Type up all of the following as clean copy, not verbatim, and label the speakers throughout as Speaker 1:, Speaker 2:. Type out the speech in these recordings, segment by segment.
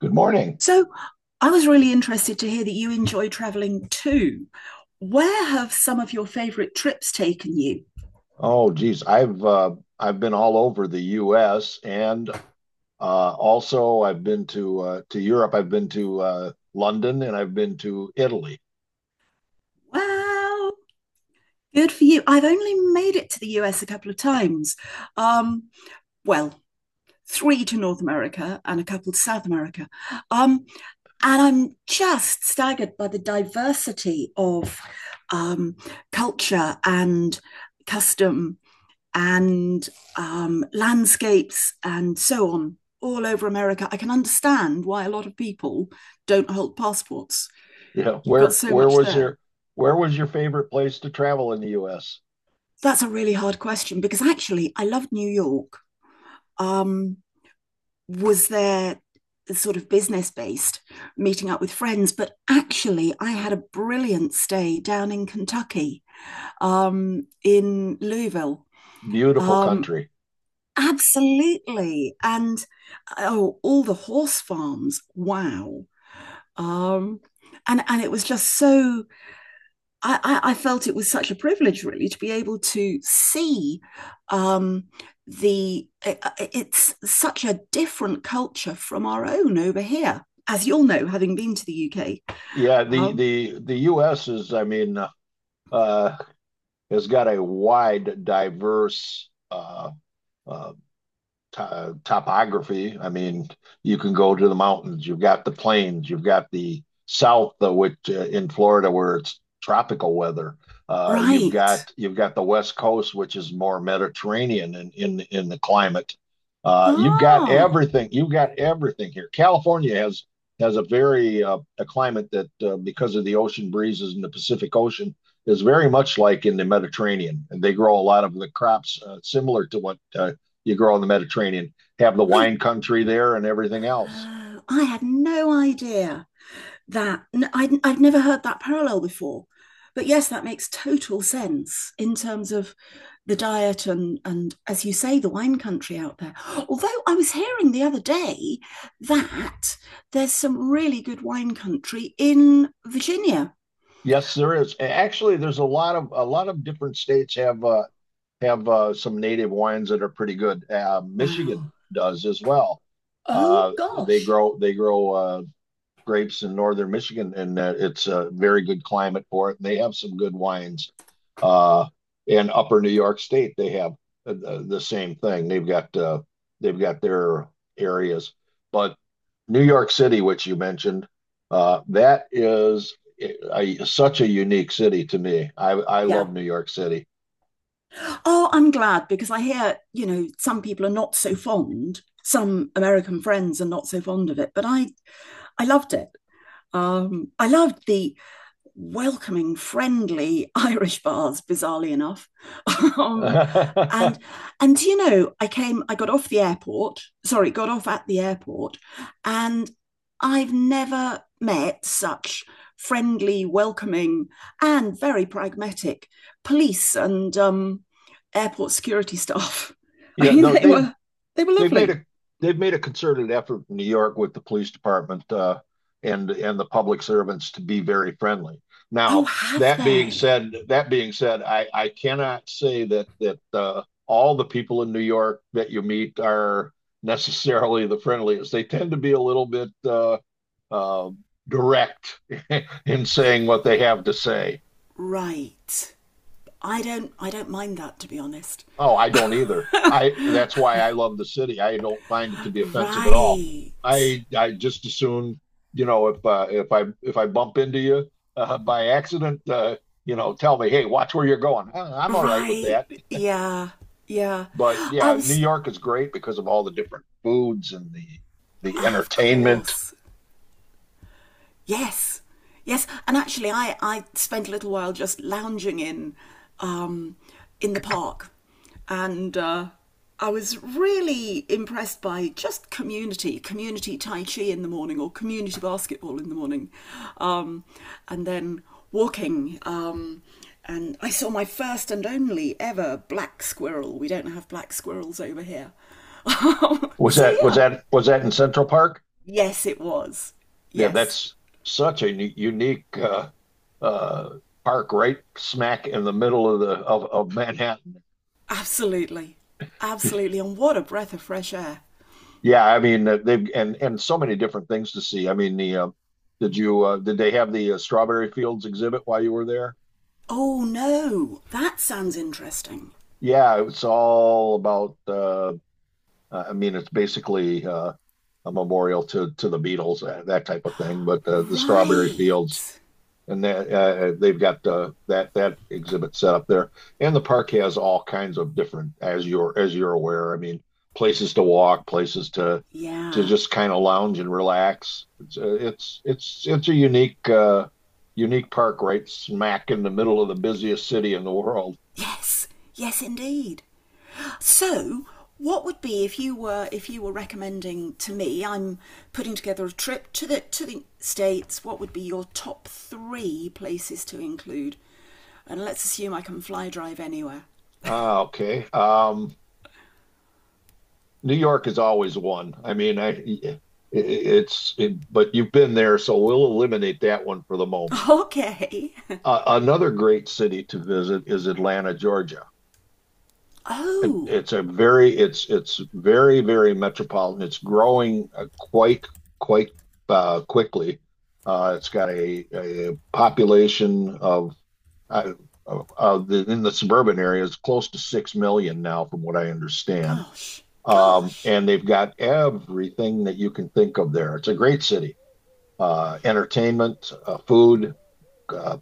Speaker 1: Good morning.
Speaker 2: So I was really interested to hear that you enjoy traveling too. Where have some of your favorite trips taken you?
Speaker 1: Oh, geez, I've been all over the U.S. and also I've been to Europe. I've been to London and I've been to Italy.
Speaker 2: Wow, good for you. I've only made it to the US a couple of times. Um, well, three to North America and a couple to South America. Um, and I'm just staggered by the diversity of um, culture and custom and landscapes and so on all over America. I can understand why a lot of people don't hold passports.
Speaker 1: Yeah,
Speaker 2: You've got
Speaker 1: where
Speaker 2: so
Speaker 1: where
Speaker 2: much
Speaker 1: was
Speaker 2: there.
Speaker 1: your where was your favorite place to travel in the U.S.?
Speaker 2: That's a really hard question because actually, I loved New York. Um, was there sort of business based meeting up with friends, but actually I had a brilliant stay down in Kentucky, in Louisville.
Speaker 1: Beautiful
Speaker 2: um,
Speaker 1: country.
Speaker 2: Absolutely. And oh, all the horse farms. Wow. Um, and it was just so I felt it was such a privilege really to be able to see um, the it- it's such a different culture from our own over here. As you'll know, having been to the UK,
Speaker 1: Yeah, the
Speaker 2: um,
Speaker 1: the the U.S. is, I mean, uh, has got a wide, diverse uh, topography. I mean, you can go to the mountains. You've got the plains. You've got the south, though, which in Florida where it's tropical weather.
Speaker 2: right.
Speaker 1: You've got the west coast, which is more Mediterranean in the climate. You've got
Speaker 2: Ah,
Speaker 1: everything. You've got everything here. California has a very a climate that because of the ocean breezes in the Pacific Ocean is very much like in the Mediterranean, and they grow a lot of the crops similar to what you grow in the Mediterranean, have the
Speaker 2: I,
Speaker 1: wine country there and everything else.
Speaker 2: oh, I had no idea that I would I'd never heard that parallel before. But yes, that makes total sense in terms of the diet, and as you say, the wine country out there. Although I was hearing the other day that there's some really good wine country in Virginia.
Speaker 1: Yes, there is. Actually, there's a lot of different states have some native wines that are pretty good.
Speaker 2: Wow.
Speaker 1: Michigan does as well. Uh,
Speaker 2: Oh gosh.
Speaker 1: they grow grapes in northern Michigan, and it's a very good climate for it. And they have some good wines. Uh, and Upper New York State, they have same thing. They've got their areas, but New York City, which you mentioned, that is such a unique city to me. I love
Speaker 2: Yeah.
Speaker 1: New York City.
Speaker 2: Oh, I'm glad because I hear, you know, some people are not so fond. Some American friends are not so fond of it, but I loved it. I loved the welcoming, friendly Irish bars, bizarrely enough. um,
Speaker 1: Yeah,
Speaker 2: and and you know, I got off the airport. Sorry, got off at the airport, and I've never met such friendly, welcoming, and very pragmatic police and airport security staff. I mean,
Speaker 1: no,
Speaker 2: they were
Speaker 1: They've made
Speaker 2: lovely.
Speaker 1: a they've made a concerted effort in New York with the police department and the public servants to be very friendly.
Speaker 2: Oh,
Speaker 1: Now
Speaker 2: have they?
Speaker 1: that being said, I cannot say that all the people in New York that you meet are necessarily the friendliest. They tend to be a little bit uh, direct in saying what they have to say.
Speaker 2: Right. I don't mind that, to be honest.
Speaker 1: Oh, I don't either. I that's why I love the city. I don't find it to be offensive at all.
Speaker 2: Right.
Speaker 1: I just assume, you know, if I bump into you by accident, you know, tell me, hey, watch where you're going. I'm all right with
Speaker 2: Right.
Speaker 1: that.
Speaker 2: Yeah. Yeah.
Speaker 1: But
Speaker 2: I
Speaker 1: yeah, New
Speaker 2: was,
Speaker 1: York is great because of all the different foods and the
Speaker 2: oh, of
Speaker 1: entertainment.
Speaker 2: course. Yes, yes, and actually, I spent a little while just lounging um, in the park, and I was really impressed by just community tai chi in the morning or community basketball in the morning, um, and then walking. And I saw my first and only ever black squirrel. We don't have black squirrels over here.
Speaker 1: Was
Speaker 2: so
Speaker 1: that was
Speaker 2: yeah,
Speaker 1: that was that in Central Park?
Speaker 2: yes, it was.
Speaker 1: Yeah,
Speaker 2: Yes.
Speaker 1: that's such a unique uh, park right smack in the middle of of Manhattan.
Speaker 2: Absolutely. Absolutely. And what a breath of fresh air.
Speaker 1: Yeah, I mean they've and so many different things to see. I mean the did you did they have the strawberry fields exhibit while you were there?
Speaker 2: Oh no, that sounds interesting.
Speaker 1: Yeah, it's all about I mean it's basically a memorial to the Beatles that type of thing. But the strawberry fields
Speaker 2: Right.
Speaker 1: and that they've got that exhibit set up there, and the park has all kinds of different, as you're aware. I mean, places to walk, places to
Speaker 2: Yeah.
Speaker 1: just kind of lounge and relax. It's a unique park right smack in the middle of the busiest city in the world.
Speaker 2: Yes. Yes, indeed. So, what would be if you were recommending to me? I'm putting together a trip to the states. What would be your top three places to include? And let's assume I can fly drive anywhere.
Speaker 1: Ah, okay. New York is always one. But you've been there, so we'll eliminate that one for the moment.
Speaker 2: Okay.
Speaker 1: Another great city to visit is Atlanta, Georgia.
Speaker 2: oh
Speaker 1: It's very very metropolitan. It's growing quite quickly. It's got a population of uh, in the suburban areas close to 6 million now, from what I understand.
Speaker 2: gosh, gosh.
Speaker 1: And they've got everything that you can think of there. It's a great city. Entertainment, food, uh,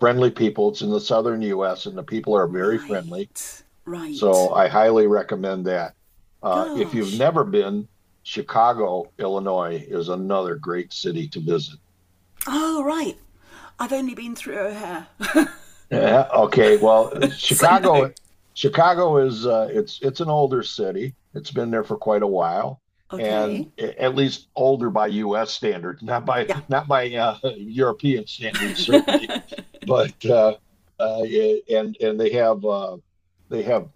Speaker 1: friendly people. It's in the southern U.S. and the people are very friendly.
Speaker 2: Right,
Speaker 1: So
Speaker 2: right.
Speaker 1: I highly recommend that. If you've
Speaker 2: Gosh.
Speaker 1: never been, Chicago, Illinois is another great city to visit.
Speaker 2: Oh, right. I've only been through her hair,
Speaker 1: Yeah, okay, well,
Speaker 2: so no.
Speaker 1: Chicago is it's an older city. It's been there for quite a while, and
Speaker 2: Okay.
Speaker 1: at least older by U.S. standards,
Speaker 2: Yeah.
Speaker 1: not by European standards certainly. But yeah, and they have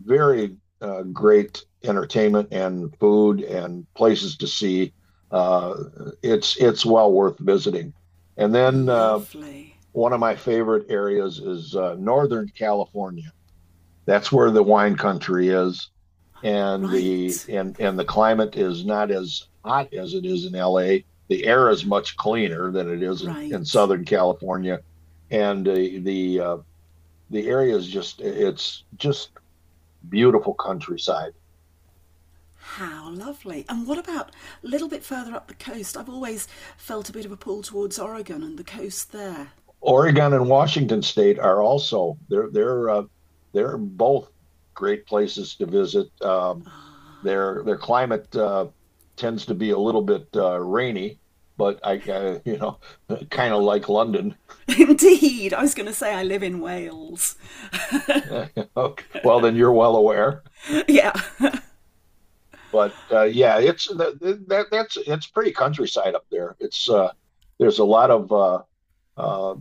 Speaker 1: very great entertainment and food and places to see. Uh, it's well worth visiting. And then
Speaker 2: Lovely.
Speaker 1: one of my favorite areas is Northern California. That's where the wine country is,
Speaker 2: Right,
Speaker 1: and the climate is not as hot as it is in LA. The air is much cleaner than it is in
Speaker 2: right.
Speaker 1: Southern California, and the area is just it's just beautiful countryside.
Speaker 2: How lovely. And what about a little bit further up the coast? I've always felt a bit of a pull towards Oregon and the coast there.
Speaker 1: Oregon and Washington State are also they're both great places to visit. Their climate tends to be a little bit rainy, but I you know kind of like London.
Speaker 2: Indeed, I was going to say I live in Wales.
Speaker 1: Okay. Well, then you're well aware.
Speaker 2: Yeah.
Speaker 1: But yeah, that that's it's pretty countryside up there. It's there's a lot of uh,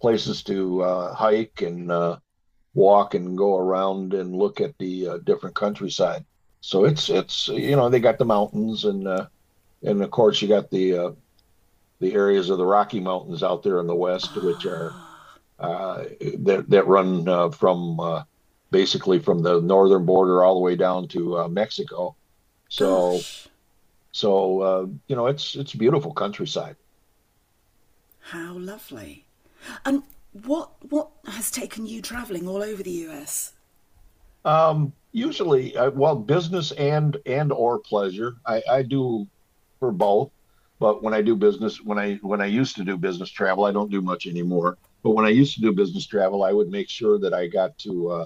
Speaker 1: places to hike and walk and go around and look at the different countryside. So it's you know they got the mountains and of course you got the areas of the Rocky Mountains out there in the west, which are
Speaker 2: Ah,
Speaker 1: uh, that that run from basically from the northern border all the way down to Mexico. So
Speaker 2: gosh.
Speaker 1: you know it's beautiful countryside.
Speaker 2: How lovely. And what has taken you travelling all over the US?
Speaker 1: Usually, well, business and or pleasure. I do for both. But when I do business, when I used to do business travel, I don't do much anymore. But when I used to do business travel, I would make sure that I got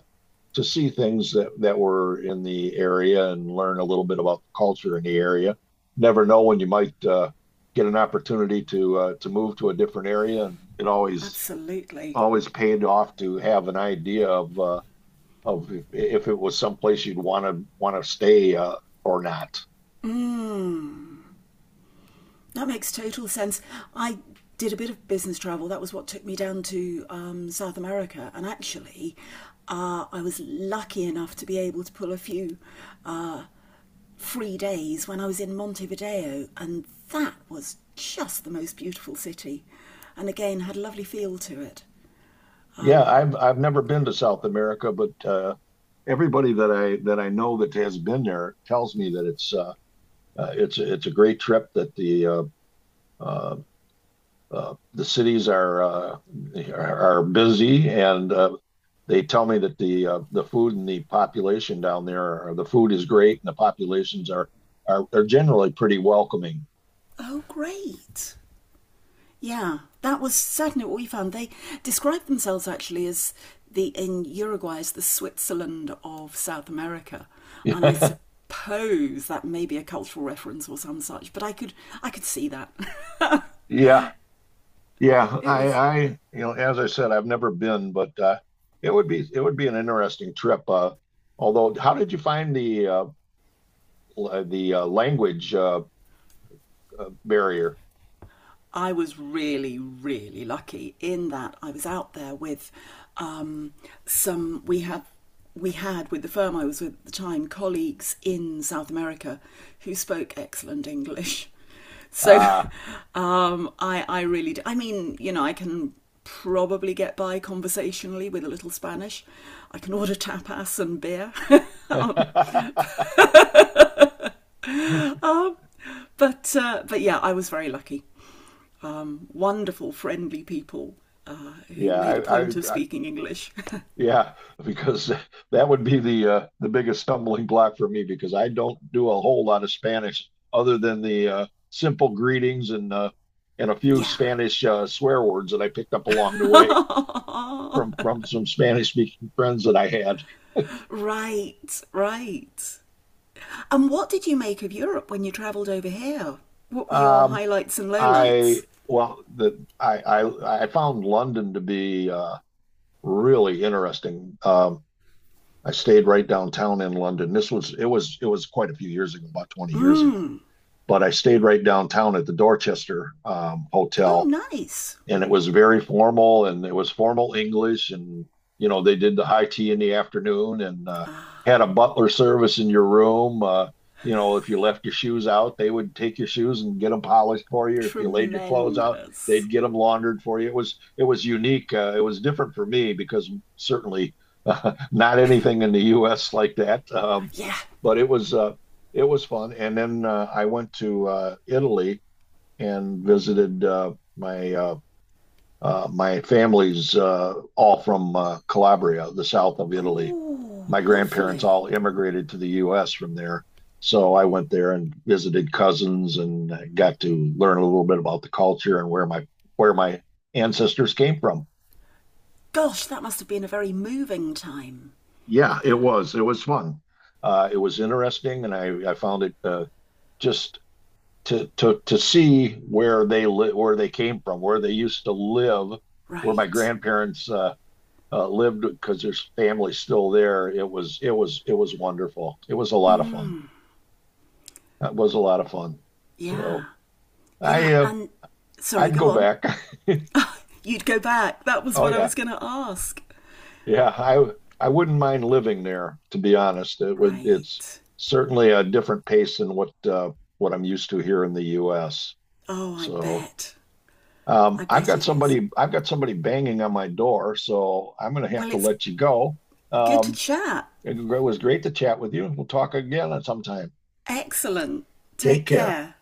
Speaker 1: to see things that were in the area and learn a little bit about the culture in the area. Never know when you might get an opportunity to move to a different area, and it always
Speaker 2: Absolutely.
Speaker 1: always paid off to have an idea of if, it was someplace you'd want to stay or not.
Speaker 2: That makes total sense. I did a bit of business travel. That was what took me down to South America. And actually, I was lucky enough to be able to pull a few uh, free days when I was in Montevideo. And that was just the most beautiful city. And again, had a lovely feel to it.
Speaker 1: Yeah, I've never been to South America, but everybody that I know that has been there tells me that it's a great trip. That uh, the cities are busy, and they tell me that the food and the population down there, the food is great, and the populations are are generally pretty welcoming.
Speaker 2: Oh, great. Yeah, that was certainly what we found. They describe themselves actually as the in Uruguay as the Switzerland of South America, and I suppose that may be a cultural reference or some such. But I could see that
Speaker 1: yeah, Yeah,
Speaker 2: it was
Speaker 1: you know, as I said, I've never been, but it would be an interesting trip. Although, how did you find the language barrier?
Speaker 2: I was really, really lucky in that I was out there with um, some we had with the firm I was with at the time colleagues in South America who spoke excellent English. So
Speaker 1: Ah,
Speaker 2: I really do. I mean, you know, I can probably get by conversationally with a little Spanish. I can order tapas and beer, um,
Speaker 1: yeah,
Speaker 2: but yeah, I was very lucky. Wonderful, friendly people
Speaker 1: I,
Speaker 2: who made a
Speaker 1: I,
Speaker 2: point of
Speaker 1: I,
Speaker 2: speaking English.
Speaker 1: yeah, because that would be the biggest stumbling block for me because I don't do a whole lot of Spanish other than the simple greetings and a few
Speaker 2: yeah.
Speaker 1: Spanish swear words that I picked up along the way. From some Spanish speaking friends that I had.
Speaker 2: right, right. And what did you make of Europe when you travelled over here? What were your
Speaker 1: Um,
Speaker 2: highlights and lowlights?
Speaker 1: I well, I found London to be really interesting. I stayed right downtown in London. This was it was quite a few years ago, about 20 years ago. But I stayed right downtown at the Dorchester
Speaker 2: Oh,
Speaker 1: Hotel,
Speaker 2: nice.
Speaker 1: and it was very formal and it was formal English and you know they did the high tea in the afternoon and had a butler service in your room. You know if you left your shoes out, they would take your shoes and get them polished for you. If you laid your clothes out,
Speaker 2: Tremendous.
Speaker 1: they'd get them laundered for you. It was unique. It was different for me because certainly not anything in the U.S. like that.
Speaker 2: Yeah.
Speaker 1: But it was fun. And then I went to Italy and visited my family's all from Calabria, the south of Italy.
Speaker 2: Oh,
Speaker 1: My grandparents
Speaker 2: lovely.
Speaker 1: all immigrated to the U.S. from there. So I went there and visited cousins and got to learn a little bit about the culture and where my ancestors came from.
Speaker 2: Gosh, that must have been a very moving time.
Speaker 1: Yeah, it was fun. It was interesting, and I found it just to see where they came from, where they used to live, where my
Speaker 2: Right.
Speaker 1: grandparents lived because there's family still there. It was wonderful. It was a lot of fun. That was a lot of fun.
Speaker 2: Yeah.
Speaker 1: So
Speaker 2: Yeah.
Speaker 1: I
Speaker 2: And sorry,
Speaker 1: I'd
Speaker 2: go
Speaker 1: go
Speaker 2: on.
Speaker 1: back.
Speaker 2: You'd go back. That was
Speaker 1: Oh
Speaker 2: what I
Speaker 1: yeah,
Speaker 2: was going to ask.
Speaker 1: yeah. I wouldn't mind living there, to be honest. It would. It's
Speaker 2: Right.
Speaker 1: certainly a different pace than what I'm used to here in the U.S.
Speaker 2: Oh, I
Speaker 1: So
Speaker 2: bet. I bet it is.
Speaker 1: I've got somebody banging on my door, so I'm going to have
Speaker 2: Well,
Speaker 1: to
Speaker 2: it's
Speaker 1: let you go.
Speaker 2: good to
Speaker 1: Um,
Speaker 2: chat.
Speaker 1: it was great to chat with you. We'll talk again at some time.
Speaker 2: Excellent.
Speaker 1: Take
Speaker 2: Take
Speaker 1: care.
Speaker 2: care.